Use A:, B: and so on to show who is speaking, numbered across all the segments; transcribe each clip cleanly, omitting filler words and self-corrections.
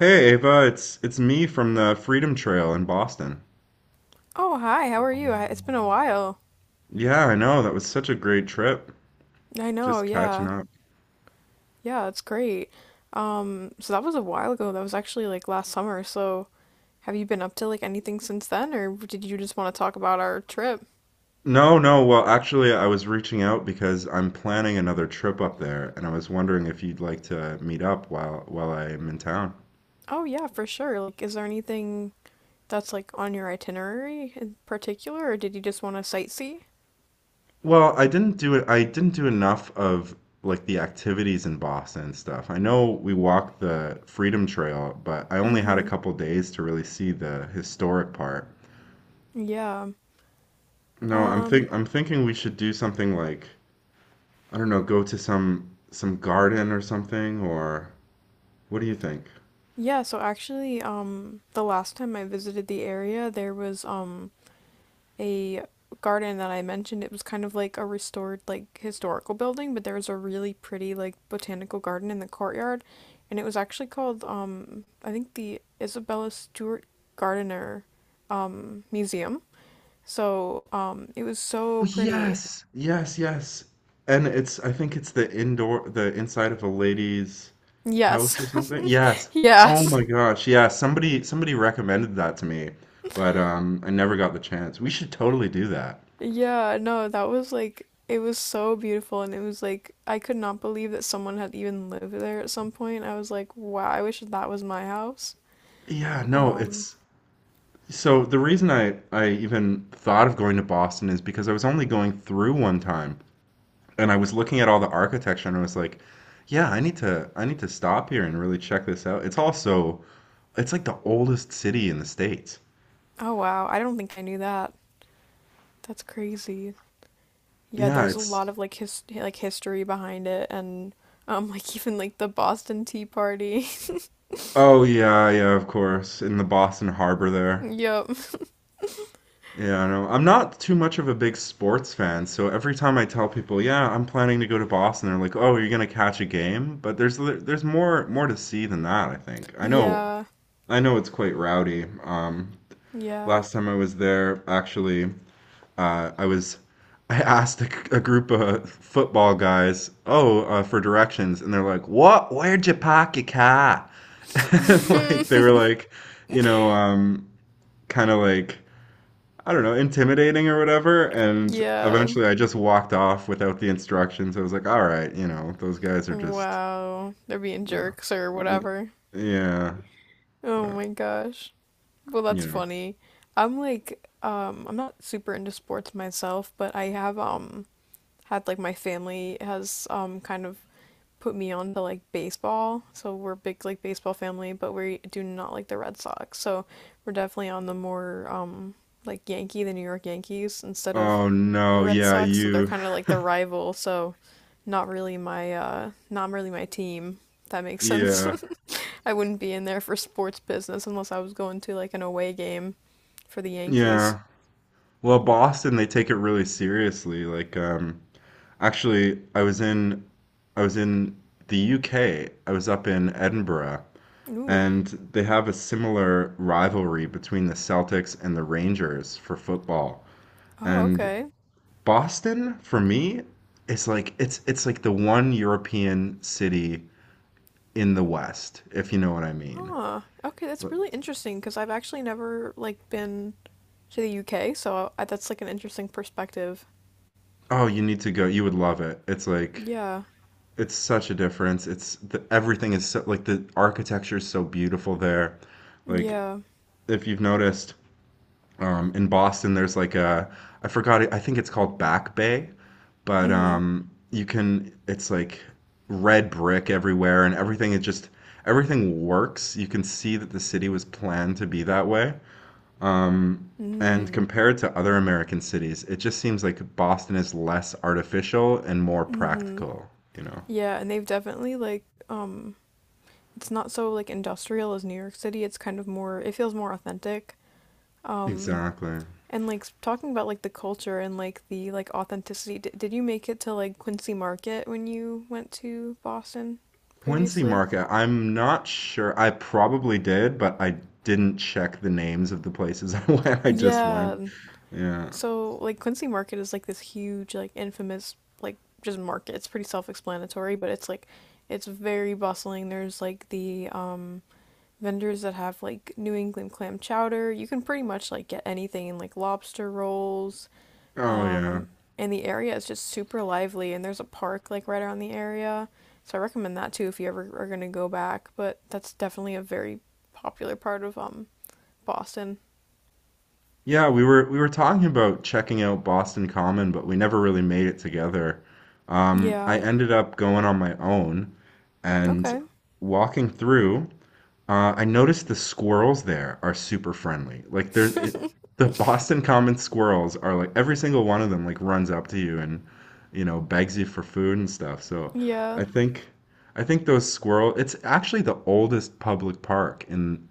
A: Hey Ava, it's me from the Freedom Trail in Boston.
B: Oh, hi. How are you? It's been a while.
A: Yeah, I know. That was such a great trip.
B: I know.
A: Just catching
B: Yeah.
A: up.
B: Yeah, it's great. So that was a while ago. That was actually like last summer. So have you been up to like anything since then, or did you just want to talk about our trip?
A: No, no, well, actually, I was reaching out because I'm planning another trip up there, and I was wondering if you'd like to meet up while I'm in town.
B: Oh, yeah, for sure. Like, is there anything that's like on your itinerary in particular, or did you just want to sightsee?
A: Well, I didn't do it. I didn't do enough of like the activities in Boston and stuff. I know we walked the Freedom Trail, but I only had a
B: Mm-hmm.
A: couple days to really see the historic part.
B: Yeah.
A: No, I'm think I'm thinking we should do something like I don't know, go to some garden or something, or what do you think?
B: Yeah, so actually, the last time I visited the area, there was, a garden that I mentioned. It was kind of like a restored like historical building, but there was a really pretty like botanical garden in the courtyard, and it was actually called I think the Isabella Stewart Gardiner museum. So it was so pretty.
A: Yes, yes, yes. And it's I think it's the inside of a lady's
B: Yes.
A: house or something. Yes. Oh
B: Yes.
A: my gosh, yeah, somebody recommended that to me, but I never got the chance. We should totally do that.
B: Yeah, no, that was like it was so beautiful and it was like I could not believe that someone had even lived there at some point. I was like, wow, I wish that was my house.
A: Yeah, no,
B: Um
A: it's so the reason I even thought of going to Boston is because I was only going through one time, and I was looking at all the architecture and I was like, yeah, I need to stop here and really check this out. It's also it's like the oldest city in the States.
B: Oh wow, I don't think I knew that. That's crazy. Yeah,
A: Yeah,
B: there's a
A: it's
B: lot of like his like history behind it and like even like the Boston Tea Party.
A: oh yeah, yeah, of course, in the Boston Harbor there.
B: Yep.
A: Yeah, I know. I'm not too much of a big sports fan, so every time I tell people, "Yeah, I'm planning to go to Boston," they're like, "Oh, you're gonna catch a game?" But there's more to see than that, I think.
B: Yeah.
A: I know it's quite rowdy.
B: Yeah.
A: Last time I was there, actually, I was I asked a group of football guys, for directions, and they're like, "What? Where'd you park your car?" And, like they were like, you know, um, kind of like I don't know, intimidating or whatever. And
B: Yeah.
A: eventually, I just walked off without the instructions. I was like, all right, those guys are just,
B: Wow. They're being
A: you know,
B: jerks or
A: y-
B: whatever.
A: yeah,
B: Oh
A: but,
B: my gosh. Well, that's
A: you know.
B: funny. I'm like, I'm not super into sports myself, but I have had like my family has kind of put me on to like baseball. So we're a big like baseball family, but we do not like the Red Sox. So we're definitely on the more like Yankee, the New York Yankees instead of
A: Oh
B: the
A: no,
B: Red
A: yeah,
B: Sox. So they're
A: you,
B: kind of like the rival. So not really my team. If that makes sense.
A: yeah,
B: I wouldn't be in there for sports business unless I was going to like an away game for the Yankees.
A: yeah. Well, Boston, they take it really seriously. Like, actually, I was in the UK. I was up in Edinburgh,
B: Ooh.
A: and they have a similar rivalry between the Celtics and the Rangers for football.
B: Oh,
A: And
B: okay.
A: Boston, for me, is like it's like the one European city in the West, if you know what I mean.
B: Huh. Okay, that's
A: But-
B: really interesting because I've actually never like been to the UK, so that's like an interesting perspective.
A: Oh, you need to go. You would love it. It's like
B: Yeah.
A: it's such a difference. Everything is so like the architecture is so beautiful there. Like
B: Yeah.
A: if you've noticed, in Boston, there's like a I forgot it, I think it's called Back Bay, but
B: Mhm.
A: you can it's like red brick everywhere and everything is just everything works. You can see that the city was planned to be that way. Um, and
B: Mhm.
A: compared to other American cities, it just seems like Boston is less artificial and more
B: Mhm.
A: practical, you know.
B: Yeah, and they've definitely like it's not so like industrial as New York City. It's kind of more. It feels more authentic. Um
A: Exactly.
B: and like talking about like the culture and like the like authenticity. D did you make it to like Quincy Market when you went to Boston
A: Quincy
B: previously?
A: Market, I'm not sure. I probably did, but I didn't check the names of the places I went. I just went.
B: Yeah.
A: Yeah.
B: So like Quincy Market is like this huge, like infamous, like just market. It's pretty self-explanatory, but it's like it's very bustling. There's like the vendors that have like New England clam chowder. You can pretty much like get anything like lobster rolls.
A: Oh yeah.
B: Um and the area is just super lively and there's a park like right around the area. So I recommend that too if you ever are going to go back, but that's definitely a very popular part of Boston.
A: Yeah, we were talking about checking out Boston Common, but we never really made it together. I
B: Yeah.
A: ended up going on my own and
B: Okay.
A: walking through. I noticed the squirrels there are super friendly. The Boston Common squirrels are like every single one of them like runs up to you and you know begs you for food and stuff. So
B: Yeah.
A: I think I think those squirrel it's actually the oldest public park in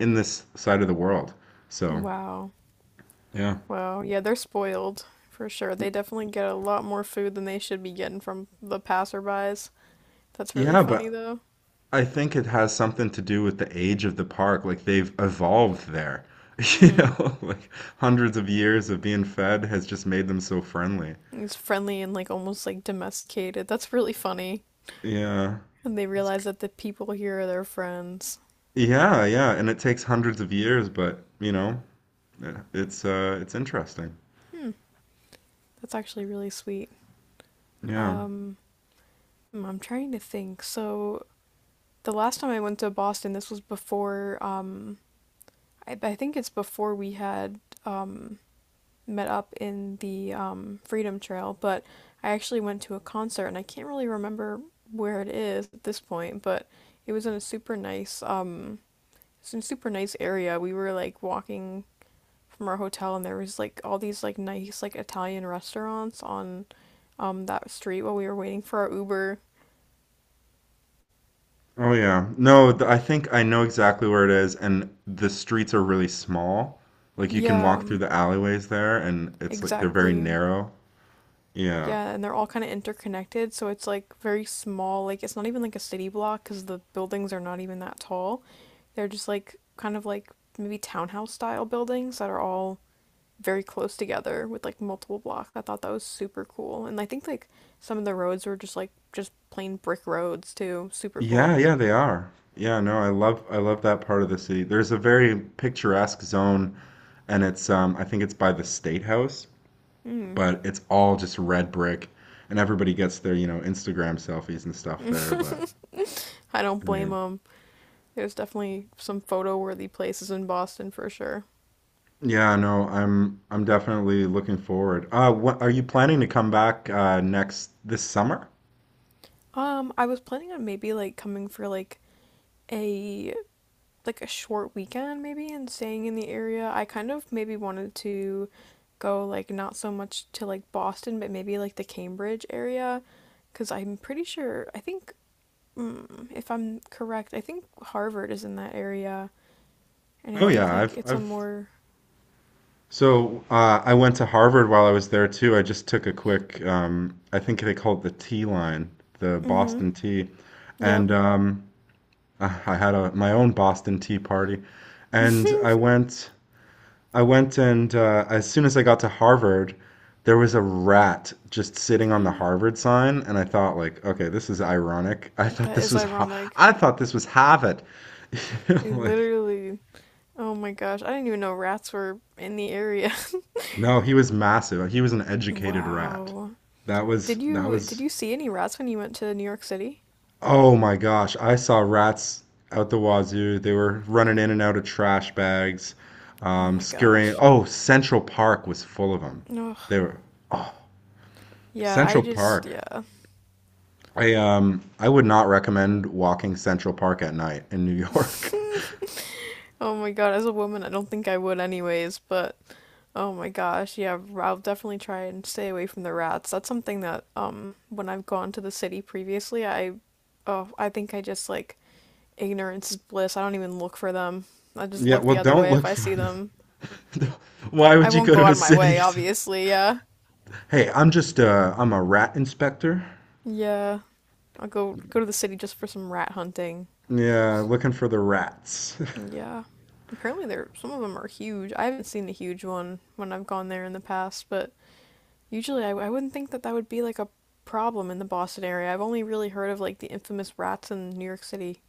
A: this side of the world. So
B: Wow.
A: yeah.
B: Wow, yeah, they're spoiled for sure. They definitely get a lot more food than they should be getting from the passerbys. That's really
A: Yeah,
B: funny
A: but
B: though.
A: I think it has something to do with the age of the park. Like they've evolved there. You
B: Hmm.
A: know, like hundreds of years of being fed has just made them so friendly.
B: It's friendly and like almost like domesticated. That's really funny.
A: Yeah.
B: And they
A: It's
B: realize
A: c-
B: that the people here are their friends.
A: Yeah, yeah, and it takes hundreds of years, but you know, it's interesting.
B: Hmm. That's actually really sweet.
A: Yeah.
B: Um, I'm trying to think. So the last time I went to Boston, this was before I think it's before we had um met up in the Freedom Trail, but I actually went to a concert and I can't really remember where it is at this point, but it was in a super nice area. We were like walking from our hotel and there was like all these like nice like Italian restaurants on that street while we were waiting for our Uber.
A: Oh yeah. No, th I think I know exactly where it is and the streets are really small. Like you can
B: Yeah,
A: walk through the alleyways there and it's like they're very
B: exactly.
A: narrow. Yeah.
B: Yeah, and they're all kind of interconnected, so it's like very small. Like it's not even like a city block because the buildings are not even that tall. They're just like kind of like maybe townhouse style buildings that are all very close together with like multiple blocks. I thought that was super cool. And I think like some of the roads were just like just plain brick roads too. Super
A: Yeah,
B: cool.
A: yeah, they are. Yeah, no, I love that part of the city. There's a very picturesque zone and it's I think it's by the State House,
B: Mm.
A: but it's all just red brick, and everybody gets their, you know, Instagram selfies and stuff there. But
B: I don't
A: yeah,
B: blame them. There's definitely some photo worthy places in Boston for sure.
A: yeah, no, I'm definitely looking forward. What are you planning to come back next this summer?
B: I was planning on maybe like coming for a like a short weekend maybe and staying in the area, I kind of maybe wanted to go like not so much to like Boston, but maybe like the Cambridge area because I'm pretty sure I think if I'm correct, I think Harvard is in that area and I
A: Oh
B: think
A: yeah,
B: like
A: I've
B: it's a
A: I've
B: more.
A: so I went to Harvard while I was there too. I just took a quick I think they call it the T line, the
B: Mm-hmm,
A: Boston Tea,
B: yep.
A: and I had a my own Boston Tea party, and I went. I went and as soon as I got to Harvard, there was a rat just sitting on the Harvard sign, and I thought, like, okay, this is ironic. I thought
B: That
A: this
B: is
A: was,
B: ironic.
A: I thought this was Harvard.
B: I
A: Like,
B: literally Oh my gosh, I didn't even know rats were in the area.
A: no, he was massive. He was an educated rat.
B: Wow.
A: That was
B: Did
A: that
B: you did
A: was.
B: you see any rats when you went to New York City?
A: Oh my gosh, I saw rats out the wazoo. They were running in and out of trash bags,
B: Oh my
A: scurrying.
B: gosh.
A: Oh, Central Park was full of them.
B: Ugh.
A: They were. Oh,
B: Yeah, I
A: Central
B: just,
A: Park.
B: yeah.
A: I would not recommend walking Central Park at night in New York.
B: Oh my god, as a woman, I don't think I would anyways, but oh my gosh, yeah, I'll definitely try and stay away from the rats. That's something that, when I've gone to the city previously, oh, I think I just, like, ignorance is bliss. I don't even look for them. I just
A: Yeah,
B: look
A: well,
B: the other
A: don't
B: way if
A: look
B: I
A: for
B: see
A: them.
B: them.
A: Why
B: I
A: would you
B: won't
A: go
B: go
A: to
B: out
A: a
B: of my way,
A: city?
B: obviously, yeah.
A: Hey, I'm just I'm a rat inspector.
B: Yeah, I'll go to the city just for some rat hunting.
A: Yeah, looking for the rats.
B: Yeah. Apparently, there some of them are huge. I haven't seen a huge one when I've gone there in the past, but usually I wouldn't think that that would be like a problem in the Boston area. I've only really heard of like the infamous rats in New York City.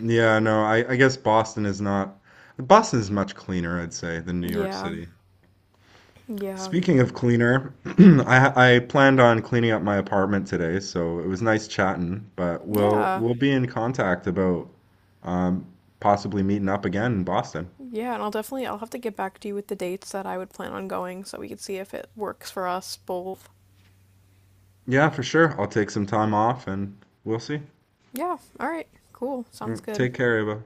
A: Yeah, no, I guess Boston is not Boston is much cleaner, I'd say, than New York
B: Yeah,
A: City.
B: yeah,
A: Speaking of cleaner, I planned on cleaning up my apartment today, so it was nice chatting, but we'll
B: yeah,
A: we'll be in contact about um, possibly meeting up again in Boston.
B: yeah. And I'll definitely I'll have to get back to you with the dates that I would plan on going so we could see if it works for us both.
A: Yeah, for sure. I'll take some time off and we'll see.
B: Yeah. All right. Cool.
A: All
B: Sounds
A: right,
B: good.
A: take care, Ava.